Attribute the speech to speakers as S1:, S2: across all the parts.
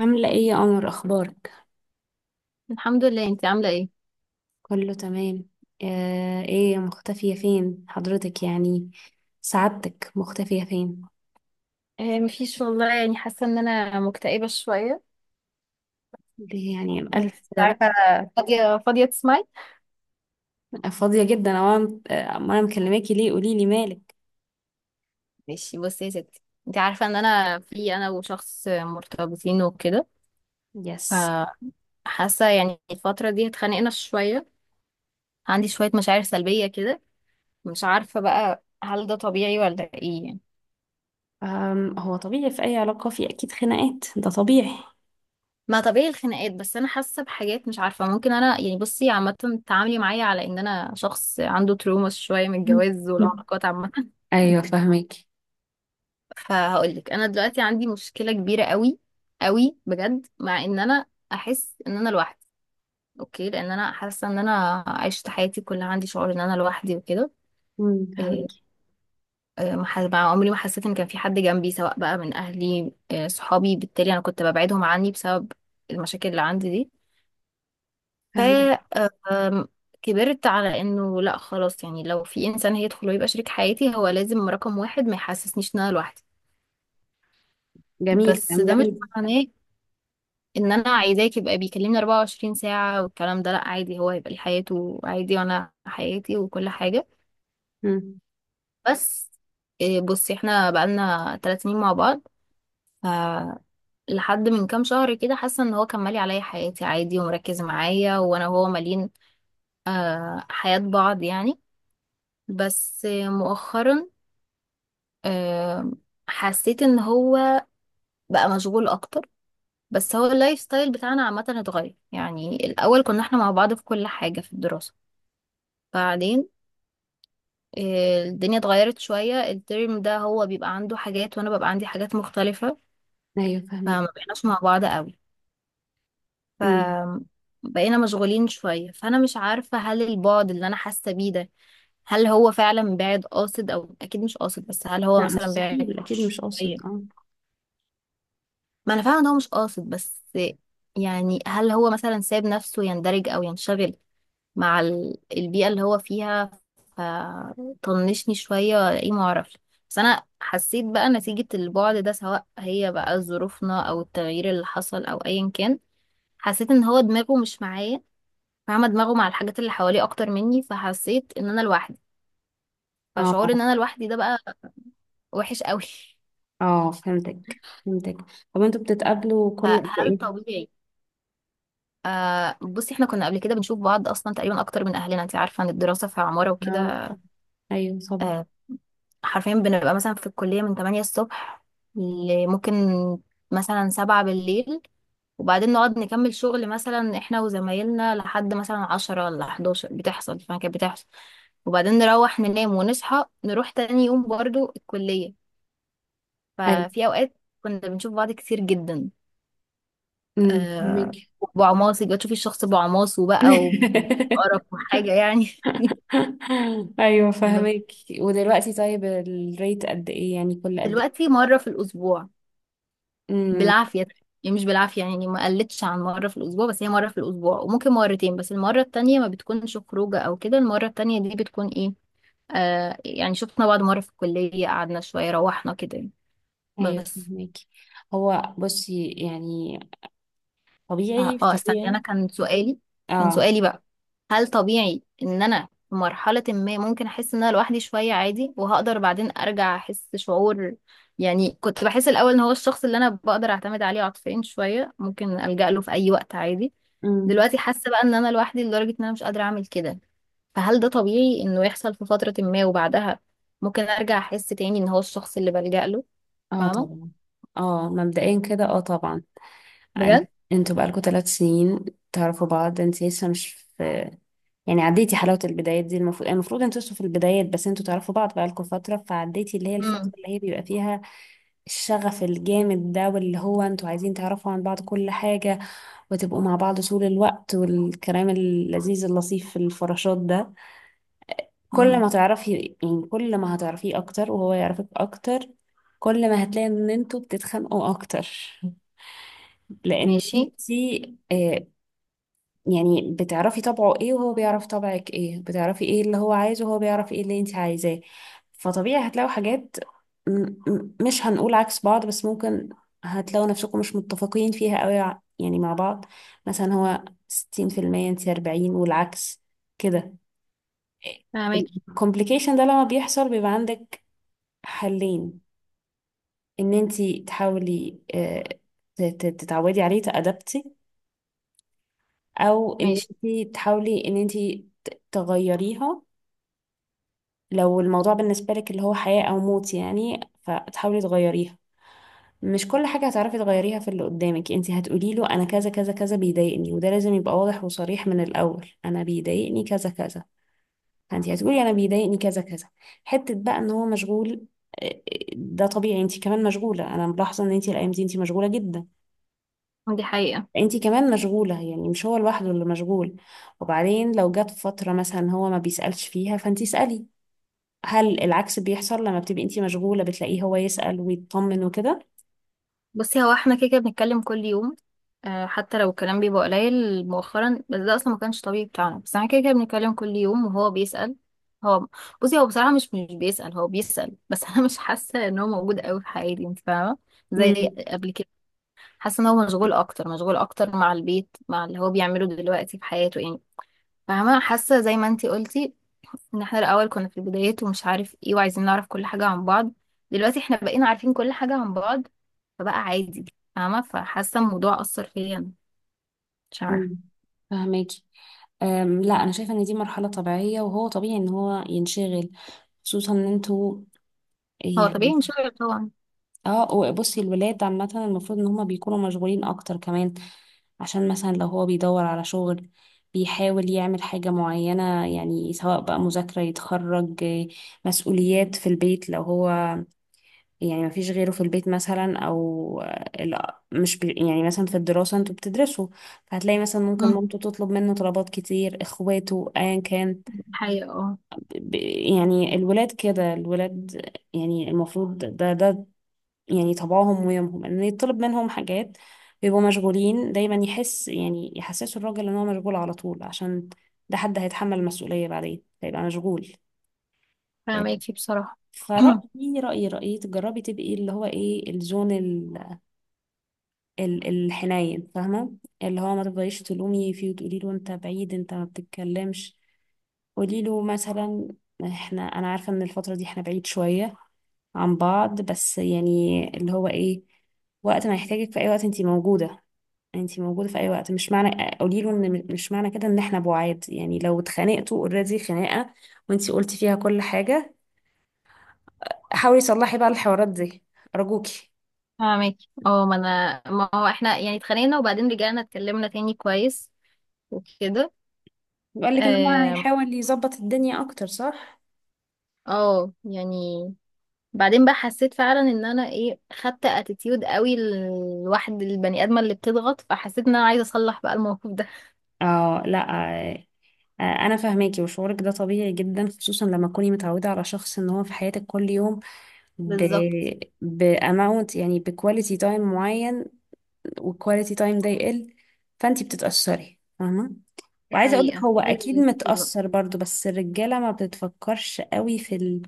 S1: عاملة ايه يا قمر، اخبارك؟
S2: الحمد لله. انت عامله ايه؟
S1: كله تمام. ايه مختفية فين حضرتك؟ يعني سعادتك مختفية فين؟
S2: مفيش والله، يعني حاسه ان انا مكتئبه شويه.
S1: ليه يعني الف
S2: مش
S1: ده بقى؟
S2: عارفه. فاضيه فاضيه تسمعي؟
S1: فاضية جدا، او انا أما أنا مكلماكي، ليه؟ قولي لي مالك.
S2: ماشي بصي يا ستي. انت عارفه ان انا وشخص مرتبطين وكده.
S1: يس.
S2: فحاسه يعني الفتره دي اتخانقنا شويه. عندي شويه مشاعر سلبيه كده. مش عارفه بقى، هل ده طبيعي ولا ايه يعني؟
S1: هو طبيعي، في اي علاقة في اكيد خناقات، ده طبيعي.
S2: ما طبيعي الخناقات، بس انا حاسه بحاجات مش عارفه، ممكن انا يعني، بصي عامه تعاملي معايا على ان انا شخص عنده تروما شويه من الجواز
S1: مم.
S2: والعلاقات عامه.
S1: ايوه فهمك
S2: فهقولك، انا دلوقتي عندي مشكله كبيره قوي قوي بجد، مع ان انا احس ان انا لوحدي. اوكي، لان انا حاسه ان انا عشت حياتي كلها عندي شعور ان انا لوحدي وكده. إيه،
S1: فهمك
S2: إيه، ما ح- مع عمري ما حسيت ان كان في حد جنبي، سواء بقى من اهلي صحابي. بالتالي انا كنت ببعدهم عني بسبب المشاكل اللي عندي دي. ف
S1: فهمك.
S2: آه، أم، كبرت على انه لا خلاص، يعني لو في انسان هيدخل ويبقى شريك حياتي هو لازم رقم واحد ما يحسسنيش ان انا لوحدي.
S1: جميل،
S2: بس
S1: كلام
S2: ده مش
S1: جميل.
S2: معناه ان انا عايزاك يبقى بيكلمني 24 ساعة والكلام ده، لا عادي، هو هيبقى ليه حياته عادي وانا حياتي وكل حاجة.
S1: مم.
S2: بس بصي، احنا بقالنا 3 سنين مع بعض. ف لحد من كام شهر كده حاسة ان هو كان مالي عليا حياتي عادي ومركز معايا، وانا وهو مالين حياة بعض يعني. بس مؤخرا آه، حسيت ان هو بقى مشغول اكتر. بس هو اللايف ستايل بتاعنا عامة اتغير، يعني الأول كنا احنا مع بعض في كل حاجة في الدراسة. بعدين الدنيا اتغيرت شوية، الترم ده هو بيبقى عنده حاجات وانا ببقى عندي حاجات مختلفة.
S1: ايوه فهمك.
S2: فما بقيناش مع بعض قوي، ف
S1: مم.
S2: بقينا مشغولين شوية. فانا مش عارفة، هل البعد اللي انا حاسة بيه ده، هل هو فعلا بعد قاصد، او اكيد مش قاصد بس هل هو
S1: لا،
S2: مثلا بعد
S1: مستحيل، اكيد مش قاصد.
S2: شوية؟
S1: اه
S2: ما انا فاهمة ان هو مش قاصد، بس يعني هل هو مثلا ساب نفسه يندرج او ينشغل مع البيئة اللي هو فيها، فطنشني شوية ولا ايه معرفش. بس انا حسيت بقى، نتيجة البعد ده سواء هي بقى ظروفنا او التغيير اللي حصل او ايا كان، حسيت ان هو دماغه مش معايا. فاهمة؟ دماغه مع الحاجات اللي حواليه اكتر مني، فحسيت ان انا لوحدي. فشعور
S1: اه
S2: ان انا لوحدي ده بقى وحش قوي.
S1: اه، فهمتك فهمتك. طب انتوا بتتقابلوا كل قد
S2: فهل
S1: ايه؟
S2: طبيعي؟ بصي، احنا كنا قبل كده بنشوف بعض اصلا تقريبا اكتر من اهلنا. انت عارفة ان الدراسة في عمارة
S1: اه،
S2: وكده.
S1: ايوه طبعا.
S2: آه، حرفيا بنبقى مثلا في الكلية من 8 الصبح ممكن مثلا 7 بالليل، وبعدين نقعد نكمل شغل مثلا احنا وزمايلنا لحد مثلا 10 ولا 11 بتحصل فما كانت بتحصل. وبعدين نروح ننام ونصحى نروح تاني يوم برضو الكلية.
S1: ايوه.
S2: ففي أوقات كنا بنشوف بعض كتير جدا.
S1: امم،
S2: آه
S1: فهماكي.
S2: بعماصي بقى، تشوفي الشخص بعماصه بقى، وبقرف وحاجة يعني.
S1: ايوه فهماكي. ودلوقتي طيب الريت قد ايه، يعني كل قد ايه؟
S2: دلوقتي مرة في الأسبوع.
S1: امم.
S2: بالعافية. يعني مش بالعافية، يعني ما قلتش عن مرة في الأسبوع، بس هي مرة في الأسبوع وممكن مرتين، بس المرة التانية ما بتكونش خروجة أو كده، المرة التانية دي بتكون إيه آه يعني شفنا بعض مرة في الكلية، قعدنا شوية روحنا كده يعني.
S1: ايوه
S2: بس
S1: فهماكي. هو بصي يعني، طبيعي
S2: استني،
S1: طبيعي.
S2: انا كان
S1: اه.
S2: سؤالي بقى، هل طبيعي ان انا في مرحلة ما ممكن احس ان انا لوحدي شوية عادي، وهقدر بعدين ارجع احس شعور؟ يعني كنت بحس الاول ان هو الشخص اللي انا بقدر اعتمد عليه عاطفيا شوية، ممكن الجأ له في اي وقت عادي.
S1: امم.
S2: دلوقتي حاسة بقى ان انا لوحدي لدرجة ان انا مش قادرة اعمل كده. فهل ده طبيعي انه يحصل في فترة ما وبعدها ممكن ارجع احس تاني ان هو الشخص اللي بلجأ له؟
S1: اه
S2: فاهمة؟
S1: طبعا. اه مبدئيا كده، اه طبعا. أن-
S2: بجد.
S1: انتوا بقالكوا ثلاث سنين تعرفوا بعض، انت لسه مش في، يعني عديتي حلاوة البدايات دي. المفروض المفروض انتوا لسه في البدايات، بس انتوا تعرفوا بعض بقالكوا فترة، فعديتي اللي هي الفترة
S2: امم
S1: اللي هي بيبقى فيها الشغف الجامد ده، واللي هو انتوا عايزين تعرفوا عن بعض كل حاجة وتبقوا مع بعض طول الوقت والكلام اللذيذ اللطيف في الفراشات ده. كل ما تعرفي، يعني كل ما هتعرفيه اكتر وهو يعرفك اكتر، كل ما هتلاقي ان انتوا بتتخانقوا اكتر. لان
S2: ماشي،
S1: انتي آه، يعني بتعرفي طبعه ايه وهو بيعرف طبعك ايه، بتعرفي ايه اللي هو عايزه وهو بيعرف ايه اللي انت عايزاه. فطبيعي هتلاقوا حاجات، مش هنقول عكس بعض، بس ممكن هتلاقوا نفسكم مش متفقين فيها قوي يعني مع بعض. مثلا هو 60%، انت 40 والعكس، كده.
S2: فاهمك.
S1: الكومبليكيشن ده لما بيحصل بيبقى عندك حلين: ان انت تحاولي تتعودي عليه، تأدبتي، او ان
S2: ماشي.
S1: انت تحاولي ان انت تغيريها. لو الموضوع بالنسبة لك اللي هو حياة أو موت يعني، فتحاولي تغيريها. مش كل حاجة هتعرفي تغيريها في اللي قدامك. انت هتقولي له أنا كذا كذا كذا بيضايقني، وده لازم يبقى واضح وصريح من الأول. أنا بيضايقني كذا كذا، فانت هتقولي أنا بيضايقني كذا كذا. حتة بقى إن هو مشغول، اه، آه، ده طبيعي، انت كمان مشغولة. أنا ملاحظة إن انت الأيام دي انت مشغولة جدا،
S2: دي حقيقة.
S1: انت كمان مشغولة، يعني مش هو لوحده اللي مشغول. وبعدين لو جت فترة مثلا هو ما بيسألش فيها، فانت اسألي. هل العكس بيحصل لما بتبقي انتي مشغولة بتلاقيه هو يسأل ويطمن وكده؟
S2: بصي، هو احنا كده كده بنتكلم كل يوم. حتى لو الكلام بيبقى قليل مؤخرا، بس ده اصلا ما كانش طبيعي بتاعنا، بس احنا كده كده بنتكلم كل يوم وهو بيسأل. هو بصي، هو بصراحة مش بيسأل، هو بيسأل بس انا مش حاسة ان هو موجود قوي في حياتي، انت فاهمة؟ زي
S1: امم.
S2: قبل كده. حاسة ان هو مشغول اكتر، مشغول اكتر مع البيت، مع اللي هو بيعمله دلوقتي في حياته يعني. فاهمة؟ حاسة زي ما انتي قلتي، ان احنا الاول كنا في البدايات ومش عارف ايه وعايزين نعرف كل حاجة عن بعض. دلوقتي احنا بقينا عارفين كل حاجة عن بعض، فبقى عادي. فاهمة؟ فحاسة الموضوع أثر فيا أنا. مش عارفة.
S1: أمم. فهماكي. لا، انا شايفة ان دي مرحلة طبيعية، وهو طبيعي ان هو ينشغل، خصوصا ان انتوا
S2: هو
S1: يعني.
S2: طبيعي انشغل طبعا.
S1: اه، وبصي الولاد عامة المفروض ان هما بيكونوا مشغولين اكتر كمان. عشان مثلا لو هو بيدور على شغل، بيحاول يعمل حاجة معينة، يعني سواء بقى مذاكرة، يتخرج، مسؤوليات في البيت لو هو يعني ما فيش غيره في البيت مثلا، او ال- مش بي يعني، مثلا في الدراسة انتوا بتدرسوا، فهتلاقي مثلا ممكن
S2: امم.
S1: مامته تطلب منه طلبات كتير، اخواته، ايا كان.
S2: حقيقة، اه.
S1: ب- يعني الولاد كده، الولاد يعني المفروض ده ده يعني طبعهم ويومهم ان يطلب منهم حاجات. بيبقوا مشغولين دايما، يحس يعني يحسسوا الراجل ان هو مشغول على طول، عشان ده حد هيتحمل المسؤولية بعدين هيبقى مشغول.
S2: فاهماكي بصراحة.
S1: فرأيي رأيي رأيي، تجربي تبقي اللي هو ايه، الزون، الحنين، فاهمة؟ اللي هو ما تفضليش تلومي فيه وتقولي له انت بعيد، انت ما بتتكلمش. قولي له مثلا، احنا، انا عارفة ان الفترة دي احنا بعيد شوية عن بعض، بس يعني اللي هو ايه، وقت ما يحتاجك في اي وقت انتي موجودة، انتي موجودة في اي وقت. مش معنى قولي له ان مش معنى كده ان احنا بعاد. يعني لو اتخانقتوا اوريدي خناقة وانتي قلتي فيها كل حاجة، حاولي تصلحي بقى الحوارات دي، ارجوكي.
S2: فاهماكي. اه، ما انا، ما هو احنا يعني اتخانقنا وبعدين رجعنا اتكلمنا تاني كويس وكده.
S1: بيقول لك ان هو
S2: اه،
S1: هيحاول يظبط الدنيا اكتر، صح؟
S2: يعني بعدين بقى حسيت فعلا ان انا خدت اتيتيود قوي، الواحد البني ادمه اللي بتضغط، فحسيت ان انا عايزه اصلح بقى الموقف ده.
S1: اه، لا انا فاهماكي، وشعورك ده طبيعي جدا، خصوصا لما تكوني متعوده على شخص ان هو في حياتك كل يوم، ب
S2: بالظبط.
S1: باماونت، يعني بكواليتي تايم معين، والكواليتي تايم ده يقل، فانتي بتتاثري، فاهمه.
S2: دي
S1: وعايزه اقول لك
S2: حقيقه
S1: هو اكيد
S2: اللي كتير بقى.
S1: متاثر برضو، بس الرجاله ما بتفكرش قوي في ال...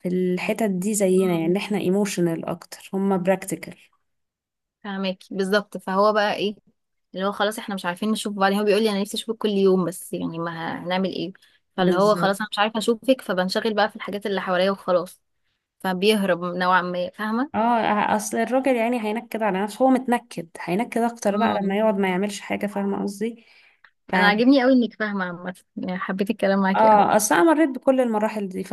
S1: في الحتت دي زينا، يعني
S2: امم،
S1: احنا ايموشنال اكتر، هما براكتيكال.
S2: فهماكي. بالظبط، فهو بقى اللي هو خلاص احنا مش عارفين نشوف بعض. هو بيقول لي انا نفسي اشوفك كل يوم، بس يعني ما هنعمل ايه. فاللي هو
S1: بالظبط.
S2: خلاص انا مش عارفه اشوفك، فبنشغل بقى في الحاجات اللي حواليا وخلاص. فبيهرب نوعا ما، فاهمه؟
S1: اه، اصل الراجل يعني هينكد على نفسه، هو متنكد، هينكد اكتر بقى لما
S2: امم.
S1: يقعد ما يعملش حاجة، فاهمة قصدي؟ ف
S2: انا عاجبني قوي انك فاهمه عامه، يعني حبيت الكلام معاكي قوي.
S1: اه، اصل انا مريت بكل المراحل دي،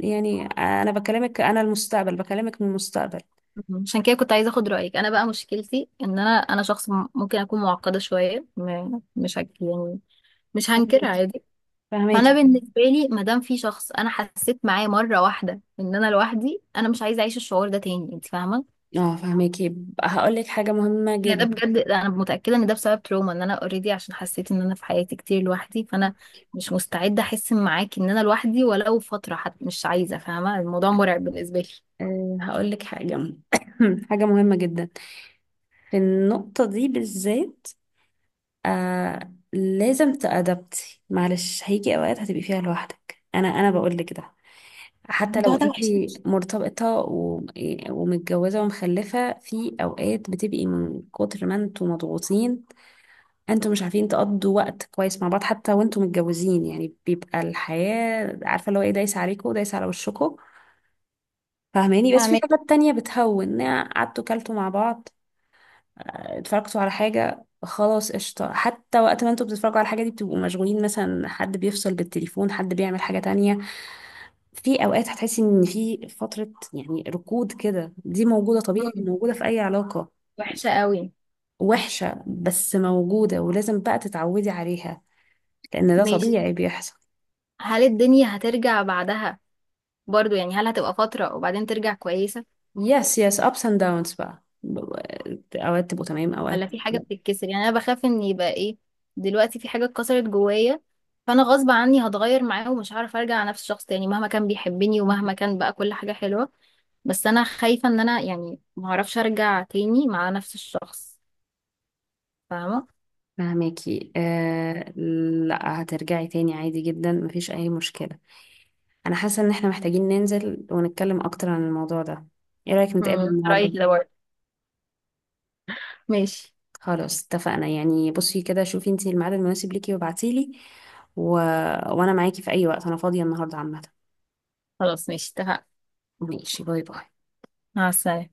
S1: يعني انا بكلمك، انا المستقبل، بكلمك من المستقبل.
S2: مم. عشان كده كنت عايزه اخد رايك. انا بقى مشكلتي ان انا شخص، ممكن اكون معقده شويه، مش هك يعني. مش هنكر
S1: فهماكي
S2: عادي. فانا
S1: فهماكي.
S2: بالنسبه لي، ما دام في شخص انا حسيت معاه مره واحده ان انا لوحدي، انا مش عايزه اعيش الشعور ده تاني، انت فاهمه؟
S1: اه فهماكي. هقول لك حاجة مهمة
S2: يعني ده
S1: جدا.
S2: بجد، انا متاكده ان ده بسبب تروما، ان انا اوريدي، عشان حسيت ان انا في حياتي كتير لوحدي، فانا مش مستعده احس معاكي ان انا لوحدي ولو فتره حتى، مش عايزه، فاهمه؟ الموضوع مرعب بالنسبه لي.
S1: أه هقول لك حاجة حاجة مهمة جدا في النقطة دي بالذات. آه لازم تأدبتي، معلش، هيجي اوقات هتبقي فيها لوحدك. انا انا بقول لك ده، حتى
S2: الموضوع
S1: لو
S2: ده
S1: انت
S2: وحش أوي.
S1: مرتبطة ومتجوزة ومخلفة، في اوقات بتبقي من كتر ما انتوا مضغوطين انتوا مش عارفين تقضوا وقت كويس مع بعض. حتى وانتوا متجوزين يعني بيبقى الحياة عارفة اللي هو ايه، دايسة عليكوا ودايسة على وشكوا، فاهماني؟ بس في
S2: فاهمك.
S1: حاجات تانية بتهون: قعدتوا كلتوا مع بعض، اتفرجتوا على حاجة، خلاص، قشطة. حتى وقت ما انتوا بتتفرجوا على الحاجة دي بتبقوا مشغولين، مثلا حد بيفصل بالتليفون، حد بيعمل حاجة تانية. في أوقات هتحسي إن في فترة يعني ركود كده، دي موجودة، طبيعي،
S2: مم.
S1: موجودة في أي علاقة.
S2: وحشه قوي.
S1: وحشة بس موجودة، ولازم بقى تتعودي عليها، لأن ده
S2: ماشي.
S1: طبيعي بيحصل.
S2: هل الدنيا هترجع بعدها برضو؟ يعني هل هتبقى فترة وبعدين ترجع كويسة،
S1: يس يس، ups and downs بقى، أوقات تبقوا تمام، أوقات.
S2: ولا في حاجة بتتكسر؟ يعني أنا بخاف إن يبقى دلوقتي في حاجة اتكسرت جوايا، فأنا غصب عني هتغير معاه ومش هعرف أرجع على نفس الشخص تاني، مهما كان بيحبني
S1: لا،
S2: ومهما كان بقى كل حاجة حلوة. بس أنا خايفة إن أنا يعني معرفش أرجع تاني مع نفس الشخص. فاهمة؟
S1: فهماكي آه، لا هترجعي تاني عادي جدا، مفيش اي مشكلة. انا حاسة ان احنا محتاجين ننزل ونتكلم اكتر عن الموضوع ده، ايه رأيك نتقابل
S2: امم،
S1: النهاردة؟
S2: رأيك ده برضه. ماشي.
S1: خلاص اتفقنا، يعني بصي كده، شوفي انتي الميعاد المناسب ليكي وابعتيلي، و... وانا معاكي في اي وقت، انا فاضية النهاردة عامة.
S2: خلاص ماشي اتفقنا.
S1: ماشي، باي باي.
S2: مع السلامة.